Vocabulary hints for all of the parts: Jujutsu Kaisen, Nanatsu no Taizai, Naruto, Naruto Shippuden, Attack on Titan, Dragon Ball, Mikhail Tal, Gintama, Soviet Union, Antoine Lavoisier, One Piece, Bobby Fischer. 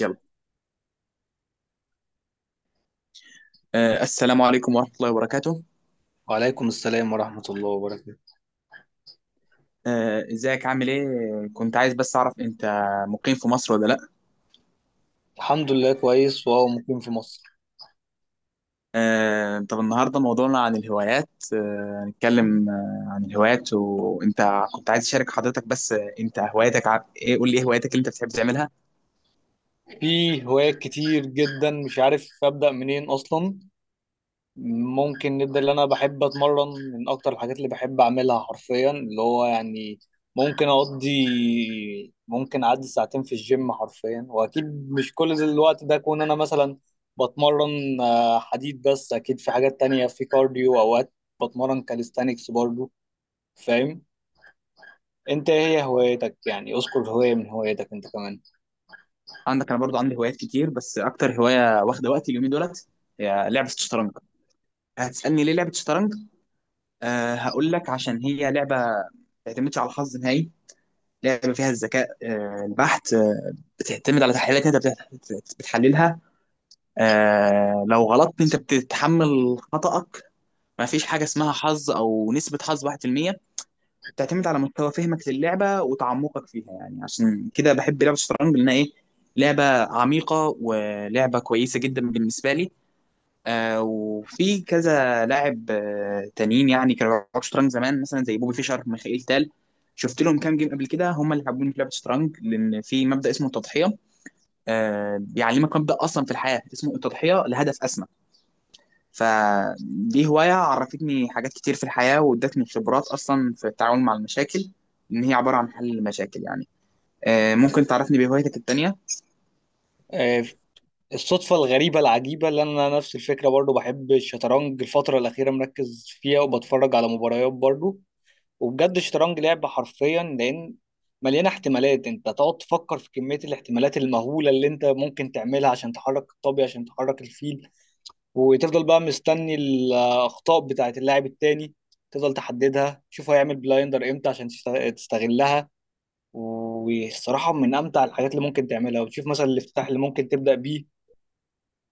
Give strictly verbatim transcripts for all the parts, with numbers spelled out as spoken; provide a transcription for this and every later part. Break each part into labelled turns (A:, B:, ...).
A: يلا. آه السلام عليكم ورحمة الله وبركاته.
B: وعليكم السلام ورحمة الله وبركاته.
A: آه ازيك، عامل ايه؟ كنت عايز بس اعرف، انت مقيم في مصر ولا لا؟
B: الحمد لله كويس وهو مقيم في مصر.
A: آه طب النهارده موضوعنا عن الهوايات. آه هنتكلم آه عن الهوايات، وانت كنت عايز اشارك حضرتك بس، آه، انت هواياتك ع... ايه، قول لي ايه هواياتك اللي انت بتحب تعملها؟
B: في هوايات كتير جدا، مش عارف أبدأ منين أصلا. ممكن نبدأ اللي أنا بحب أتمرن. من أكتر الحاجات اللي بحب أعملها حرفيا اللي هو يعني ممكن أقضي ممكن أعدي ساعتين في الجيم حرفيا، وأكيد مش كل الوقت ده أكون أنا مثلا بتمرن آه، حديد، بس أكيد في حاجات تانية، في كارديو أوقات بتمرن كاليستانكس برضو. فاهم؟ انت ايه هي هوايتك؟ يعني اذكر هواية من هوايتك انت كمان.
A: عندك انا برضو عندي هوايات كتير، بس اكتر هواية واخدة وقتي اليومين دولت هي لعبة الشطرنج. هتسألني ليه لعبة الشطرنج؟ آه هقول لك. عشان هي لعبة ما بتعتمدش على الحظ نهائي. لعبه فيها الذكاء آه، البحت، آه، بتعتمد على تحليلات انت بتحت- بتحللها. آه، لو غلطت انت بتتحمل خطأك. ما فيش حاجه اسمها حظ او نسبه حظ واحد بالمية. بتعتمد على مستوى فهمك للعبه وتعمقك فيها، يعني عشان كده بحب لعبه الشطرنج لانها ايه؟ لعبه عميقه ولعبه كويسه جدا بالنسبه لي. آه وفي كذا لاعب آه تانيين، يعني كانوا بيلعبوا شطرنج زمان مثلا زي بوبي فيشر، ميخائيل تال. شفت لهم كام جيم قبل كده، هم اللي حبوني في لعبه الشطرنج، لان في مبدا اسمه التضحيه. آه بيعلمك مبدا اصلا في الحياه اسمه التضحيه لهدف اسمى. فدي هوايه عرفتني حاجات كتير في الحياه، وادتني خبرات اصلا في التعامل مع المشاكل، ان هي عباره عن حل المشاكل يعني. آه ممكن تعرفني بهوايتك التانيه؟
B: آه، الصدفة الغريبة العجيبة اللي انا نفس الفكرة برضو، بحب الشطرنج، الفترة الأخيرة مركز فيها وبتفرج على مباريات برضو. وبجد الشطرنج لعبة حرفيا، لأن مليانة احتمالات. انت تقعد تفكر في كمية الاحتمالات المهولة اللي انت ممكن تعملها عشان تحرك الطابية، عشان تحرك الفيل. وتفضل بقى مستني الأخطاء بتاعت اللاعب التاني، تفضل تحددها، تشوف هيعمل بلايندر امتى عشان تست- تستغلها. والصراحة من أمتع الحاجات اللي ممكن تعملها. وتشوف مثلا الافتتاح اللي ممكن تبدأ بيه.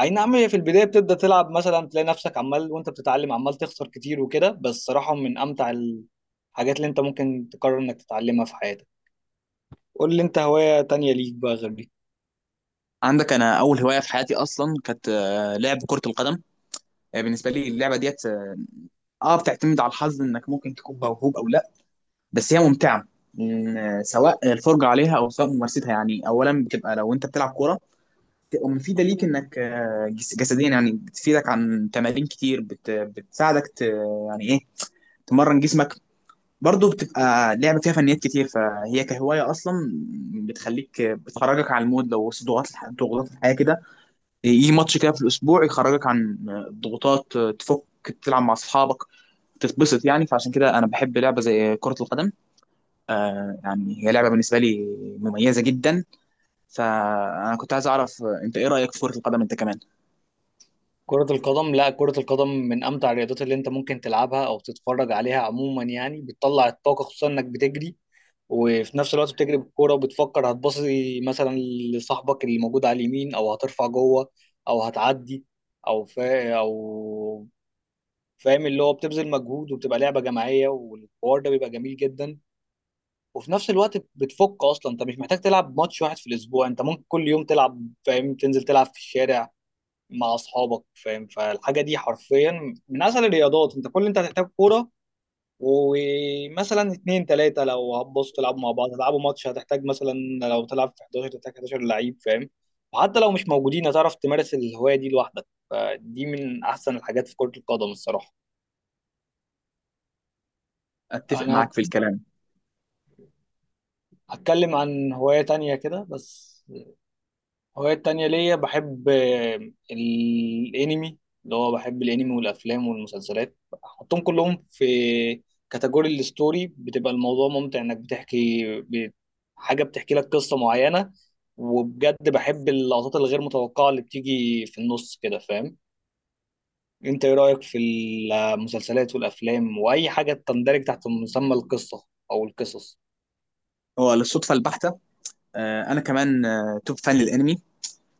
B: أي نعم، هي في البداية بتبدأ تلعب مثلا، تلاقي نفسك عمال وأنت بتتعلم عمال تخسر كتير وكده، بس صراحة من أمتع الحاجات اللي أنت ممكن تقرر إنك تتعلمها في حياتك. قول لي أنت هواية تانية ليك بقى غير دي.
A: عندك انا اول هوايه في حياتي اصلا كانت آه، لعب كره القدم. آه، بالنسبه لي اللعبه ديت اه بتعتمد على الحظ، انك ممكن تكون موهوب او لا، بس هي ممتعه. إن- سواء الفرجه عليها او سواء ممارستها، يعني اولا بتبقى لو انت بتلعب كوره بتبقى مفيده ليك، انك آه، جس- جسديا يعني بتفيدك عن تمارين كتير، بت بتساعدك ت يعني ايه، تمرن جسمك. برضه بتبقى لعبه فيها فنيات كتير، فهي كهوايه اصلا بتخليك، بتخرجك عن المود لو وسط ضغوطات الح- ضغوطات الحياه كده، يجي ماتش كده في الاسبوع يخرجك عن الضغوطات، تفك، تلعب مع اصحابك، تتبسط يعني. فعشان كده انا بحب لعبه زي كره القدم. آه يعني هي لعبه بالنسبه لي مميزه جدا. فانا كنت عايز اعرف، آه، انت ايه رايك في كره القدم انت كمان؟
B: كرة القدم، لا كرة القدم من أمتع الرياضات اللي أنت ممكن تلعبها أو تتفرج عليها عموما، يعني بتطلع الطاقة خصوصا إنك بتجري. وفي نفس الوقت بتجري بالكوره وبتفكر هتباصي مثلا لصاحبك اللي موجود على اليمين، او هترفع جوه، او هتعدي، او فا او فاهم، اللي هو بتبذل مجهود وبتبقى لعبه جماعيه والحوار ده بيبقى جميل جدا. وفي نفس الوقت بتفك اصلا. انت مش محتاج تلعب ماتش واحد في الاسبوع، انت ممكن كل يوم تلعب، فاهم؟ تنزل تلعب في الشارع مع اصحابك، فاهم؟ فالحاجه دي حرفيا من اسهل الرياضات، انت كل اللي انت هتحتاج كوره، ومثلا اتنين تلاتة لو هتبصوا تلعبوا مع بعض هتلعبوا ماتش. هتحتاج مثلا لو تلعب في أحد عشر تحتاج إحداشر لعيب، فاهم؟ وحتى لو مش موجودين هتعرف تمارس الهواية دي لوحدك، فدي من أحسن الحاجات في كرة القدم الصراحة.
A: اتفق
B: أنا
A: معاك في الكلام.
B: هتكلم عن هواية تانية كده بس. هوايات تانية ليا، بحب آه، الانمي، اللي هو بحب الانمي والافلام والمسلسلات. احطهم كلهم في كاتيجوري الستوري. بتبقى الموضوع ممتع انك بتحكي ب- حاجة بتحكي لك قصة معينة. وبجد بحب اللقطات الغير متوقعة اللي بتيجي في النص كده، فاهم؟ انت ايه رأيك في المسلسلات والافلام واي حاجة تندرج تحت مسمى القصة او القصص؟
A: هو للصدفه البحته. آه انا كمان آه توب فان للانمي،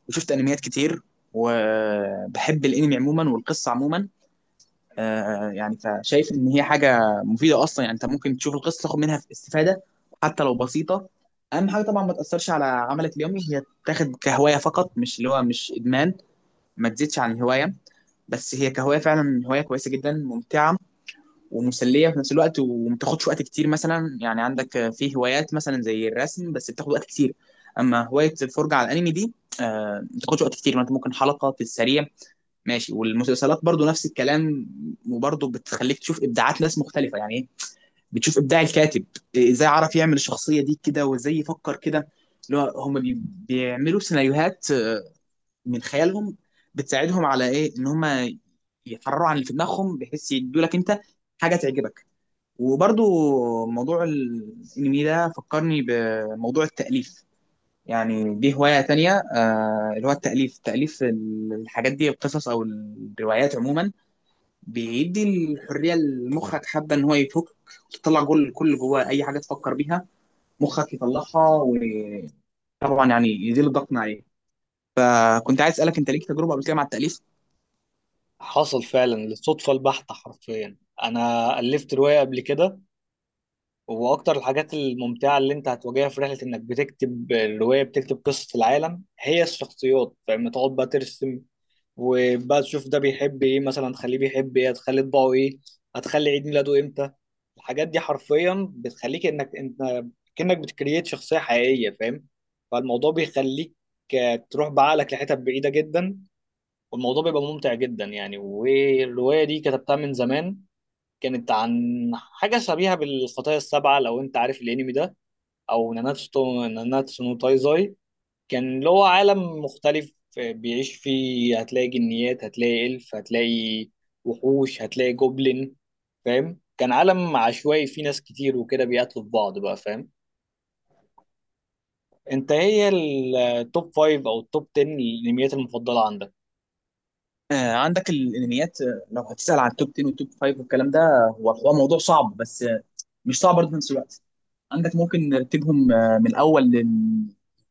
A: وشفت انميات كتير. وبحب الانمي عموما والقصه عموما. آه يعني فشايف ان هي حاجه مفيده اصلا، يعني انت ممكن تشوف القصه تاخد منها استفاده حتى لو بسيطه. اهم حاجه طبعا ما تاثرش على عملك اليومي، هي تاخد كهوايه فقط، مش اللي هو مش ادمان، ما تزيدش عن الهوايه. بس هي كهوايه فعلا هوايه كويسه جدا، ممتعه ومسليه في نفس الوقت، وما بتاخدش وقت كتير. مثلا يعني عندك في هوايات مثلا زي الرسم بس بتاخد وقت كتير، اما هوايه الفرجه على الانمي دي آه، ما بتاخدش وقت كتير، ما انت ممكن حلقه في السريع ماشي. والمسلسلات برضو نفس الكلام. وبرضو بتخليك تشوف ابداعات ناس مختلفه، يعني ايه؟ بتشوف ابداع الكاتب، ازاي عرف يعمل الشخصيه دي كده، وازاي يفكر كده. اللي هو هم بي- بيعملوا سيناريوهات من خيالهم. بتساعدهم على ايه؟ ان هم يحرروا عن اللي في دماغهم، بحيث يدوا لك انت حاجه تعجبك. وبرضو موضوع الانمي ده فكرني بموضوع التاليف. يعني دي هوايه تانية، آه اللي هو التاليف، تاليف الحاجات دي، القصص او الروايات عموما، بيدي الحريه لمخك، حابه ان هو يفك، تطلع كل كل جواه اي حاجه تفكر بيها مخك يطلعها. وطبعا يعني يزيل الضغط من عليه. آه كنت عايز اسالك انت ليك تجربه قبل كده مع التاليف؟
B: حصل فعلا، للصدفة البحتة حرفيا انا ألفت رواية قبل كده. هو اكتر الحاجات الممتعه اللي انت هتواجهها في رحله انك بتكتب الروايه، بتكتب قصه العالم، هي الشخصيات، فاهم؟ تقعد بقى ترسم وبقى تشوف ده بيحب ايه مثلا، تخليه بيحب ايه، هتخلي طباعه ايه، هتخلي عيد ميلاده امتى. الحاجات دي حرفيا بتخليك انك انت كأنك بتكريت شخصيه حقيقيه، فاهم؟ فالموضوع بيخليك آه، تروح بعقلك لحتت بعيده جدا. والموضوع بيبقى ممتع جدا يعني. والروايه دي كتبتها من زمان، كانت عن حاجة شبيهة بالخطايا السبعة، لو أنت عارف الأنمي ده، أو ناناتسو تو- ناناتسو نو تايزاي. كان اللي هو عالم مختلف بيعيش فيه، هتلاقي جنيات، هتلاقي إلف، هتلاقي وحوش، هتلاقي جوبلين، فاهم؟ كان عالم عشوائي فيه ناس كتير وكده بيقاتلوا في بعض بقى، فاهم؟ أنت هي التوب فايف أو التوب عشرة الأنميات المفضلة عندك؟
A: آه، عندك الانميات. آه، لو هتسأل عن التوب عشرة والتوب خمسة والكلام ده، هو هو موضوع صعب، بس آه، مش صعب برضه في نفس الوقت. عندك ممكن نرتبهم، آه، من الاول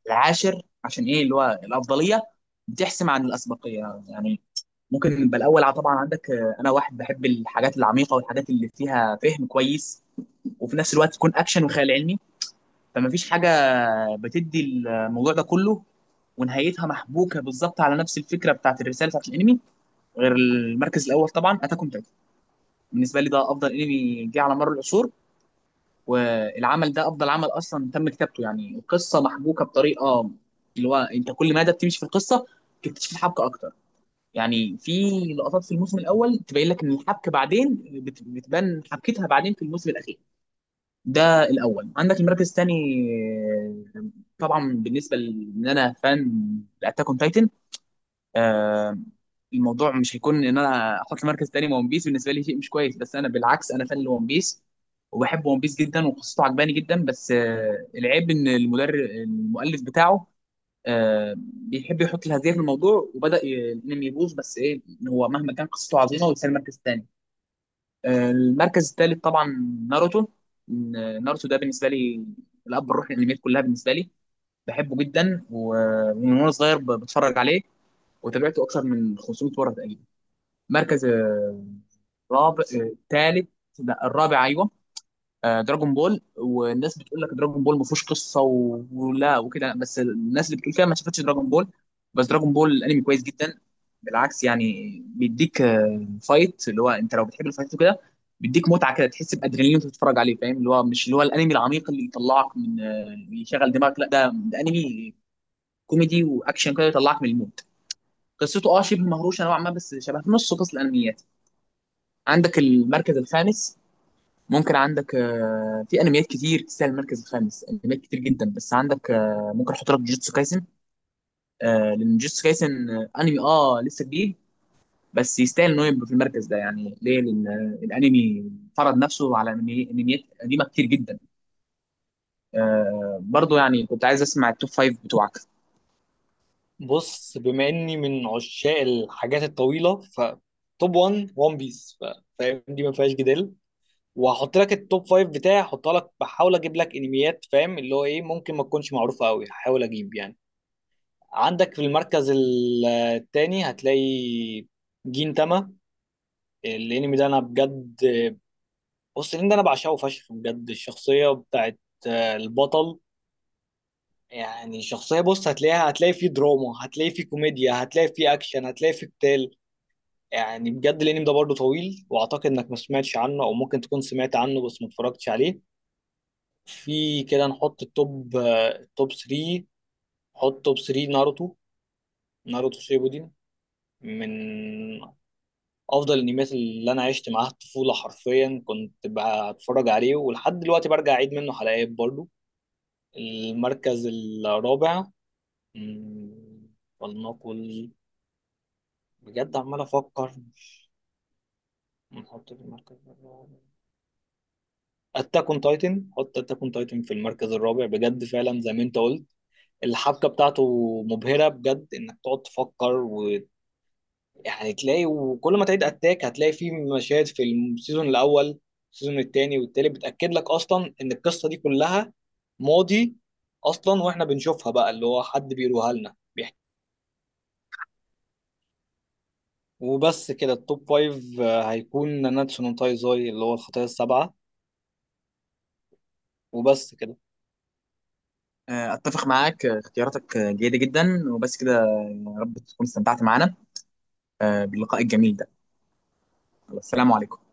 A: للعاشر عشان ايه؟ اللي هو الافضليه بتحسم عن الاسبقيه يعني. ممكن نبقى الاول ع- طبعا. عندك آه، انا واحد بحب الحاجات العميقه والحاجات اللي فيها فهم كويس، وفي نفس الوقت تكون اكشن وخيال علمي. فما فيش حاجه بتدي الموضوع ده كله ونهايتها محبوكه بالظبط على نفس الفكره بتاعت الرساله بتاعت الانمي غير المركز الاول، طبعا اتاك اون تايتن. بالنسبه لي ده افضل انمي جه على مر العصور، والعمل ده افضل عمل اصلا تم كتابته. يعني القصه محبوكه بطريقه اللي هو انت كل مدى بتمشي في القصه تكتشف الحبكه اكتر. يعني في لقطات في الموسم الاول تبين لك ان الحبكه بعدين بت- بتبان حبكتها بعدين في الموسم الاخير. ده الاول. عندك المركز الثاني، طبعا بالنسبه لان انا فان لاتاك اون تايتن، آه، الموضوع مش هيكون ان انا احط مركز تاني ون بيس. بالنسبه لي شيء مش كويس، بس انا بالعكس انا فان لون بيس وبحب ون بيس جدا وقصته عجباني جدا، بس آه، العيب ان المدرب المؤلف بتاعه آه، بيحب يحط الهزيمه في الموضوع، وبدا ي- الانمي يبوظ، بس ايه؟ إن هو مهما كان قصته عظيمه ويستاهل مركز تاني. آه، المركز التالت طبعا ناروتو. إن ناروتو ده بالنسبه لي الاب الروحي للانميات كلها بالنسبه لي. بحبه جدا، ومن وانا صغير ب- بتفرج عليه، وتابعته اكثر من خمسمية مره تقريبا. مركز آه، رابع، آه، تالت، لا الرابع ايوه. آه، دراجون بول. والناس بتقول لك دراجون بول ما فيهوش قصه و- ولا وكده، بس الناس اللي بتقول كده ما شافتش دراجون بول. بس دراجون بول الانمي كويس جدا. بالعكس يعني بيديك آه، فايت، اللي هو انت لو بتحب الفايت وكده بيديك متعه كده، تحس بادرينالين وانت بتتفرج عليه، فاهم؟ اللي هو مش اللي هو الانمي العميق اللي يطلعك من آه، يشغل دماغك، لا ده ده انمي كوميدي واكشن كده يطلعك من المود. قصته اه شبه مهروشه نوعا ما، بس شبه نص قصه الانميات. عندك المركز الخامس، ممكن عندك آه، في انميات كتير تستاهل المركز الخامس، انميات كتير جدا، بس عندك آه، ممكن احط لك جوجوتسو كايسن. آه، لان جوجوتسو كايسن آه، انمي اه لسه جديد، بس يستاهل انه يبقى في المركز ده يعني. ليه؟ لان آه، الانمي فرض نفسه على أنمي- انميات قديمه كتير جدا. آه، برضو يعني كنت عايز اسمع التوب فايف بتوعك.
B: بص، بما إني من عشاق الحاجات الطويلة، ف توب واحد ون بيس، فاهم؟ دي ما فيهاش جدال. وهحط لك التوب فايف بتاعي، هحطها لك، بحاول اجيب لك انميات فاهم اللي هو ايه، ممكن ما تكونش معروفه قوي، هحاول اجيب يعني. عندك في المركز ال- التاني هتلاقي جين تاما. الانمي ده انا بجد، بص الانمي ده انا بعشقه فشخ بجد. الشخصيه بتاعت آه، البطل، يعني شخصيه، بص هتلاقيها، هتلاقي فيه دراما، هتلاقي فيه كوميديا، هتلاقي فيه اكشن، هتلاقي فيه قتال. يعني بجد الانمي ده برضه طويل، واعتقد انك ما سمعتش عنه، او ممكن تكون سمعت عنه بس ما اتفرجتش عليه. في كده نحط التوب التوب تلاتة، نحط توب تلاتة ناروتو، ناروتو شيبودين، من افضل الانميات اللي انا عشت معاها الطفوله حرفيا، كنت بتفرج عليه ولحد دلوقتي برجع اعيد منه حلقات برضو. المركز الرابع، مم، ولنقل، بجد عمال افكر. نحط في المركز الرابع اتاك اون تايتن. حط اتاك اون تايتن في المركز الرابع، بجد فعلا زي ما انت قلت الحبكه بتاعته مبهره بجد. انك تقعد تفكر، يعني تلاقي وكل ما تعيد اتاك هتلاقي فيه مشاهد في السيزون الاول، السيزون الثاني والتالت بتاكد لك اصلا ان القصه دي كلها ماضي اصلا، واحنا بنشوفها بقى اللي هو حد بيروها لنا بيحكي. وبس كده التوب فايف آه، هيكون ناناتسو نو تايزاي اللي هو الخطايا السبعه، وبس كده.
A: آه، اتفق معاك، آه، اختياراتك آه، جيده جدا، وبس كده آه، يا رب تكون استمتعت معانا آه، باللقاء الجميل ده. السلام عليكم.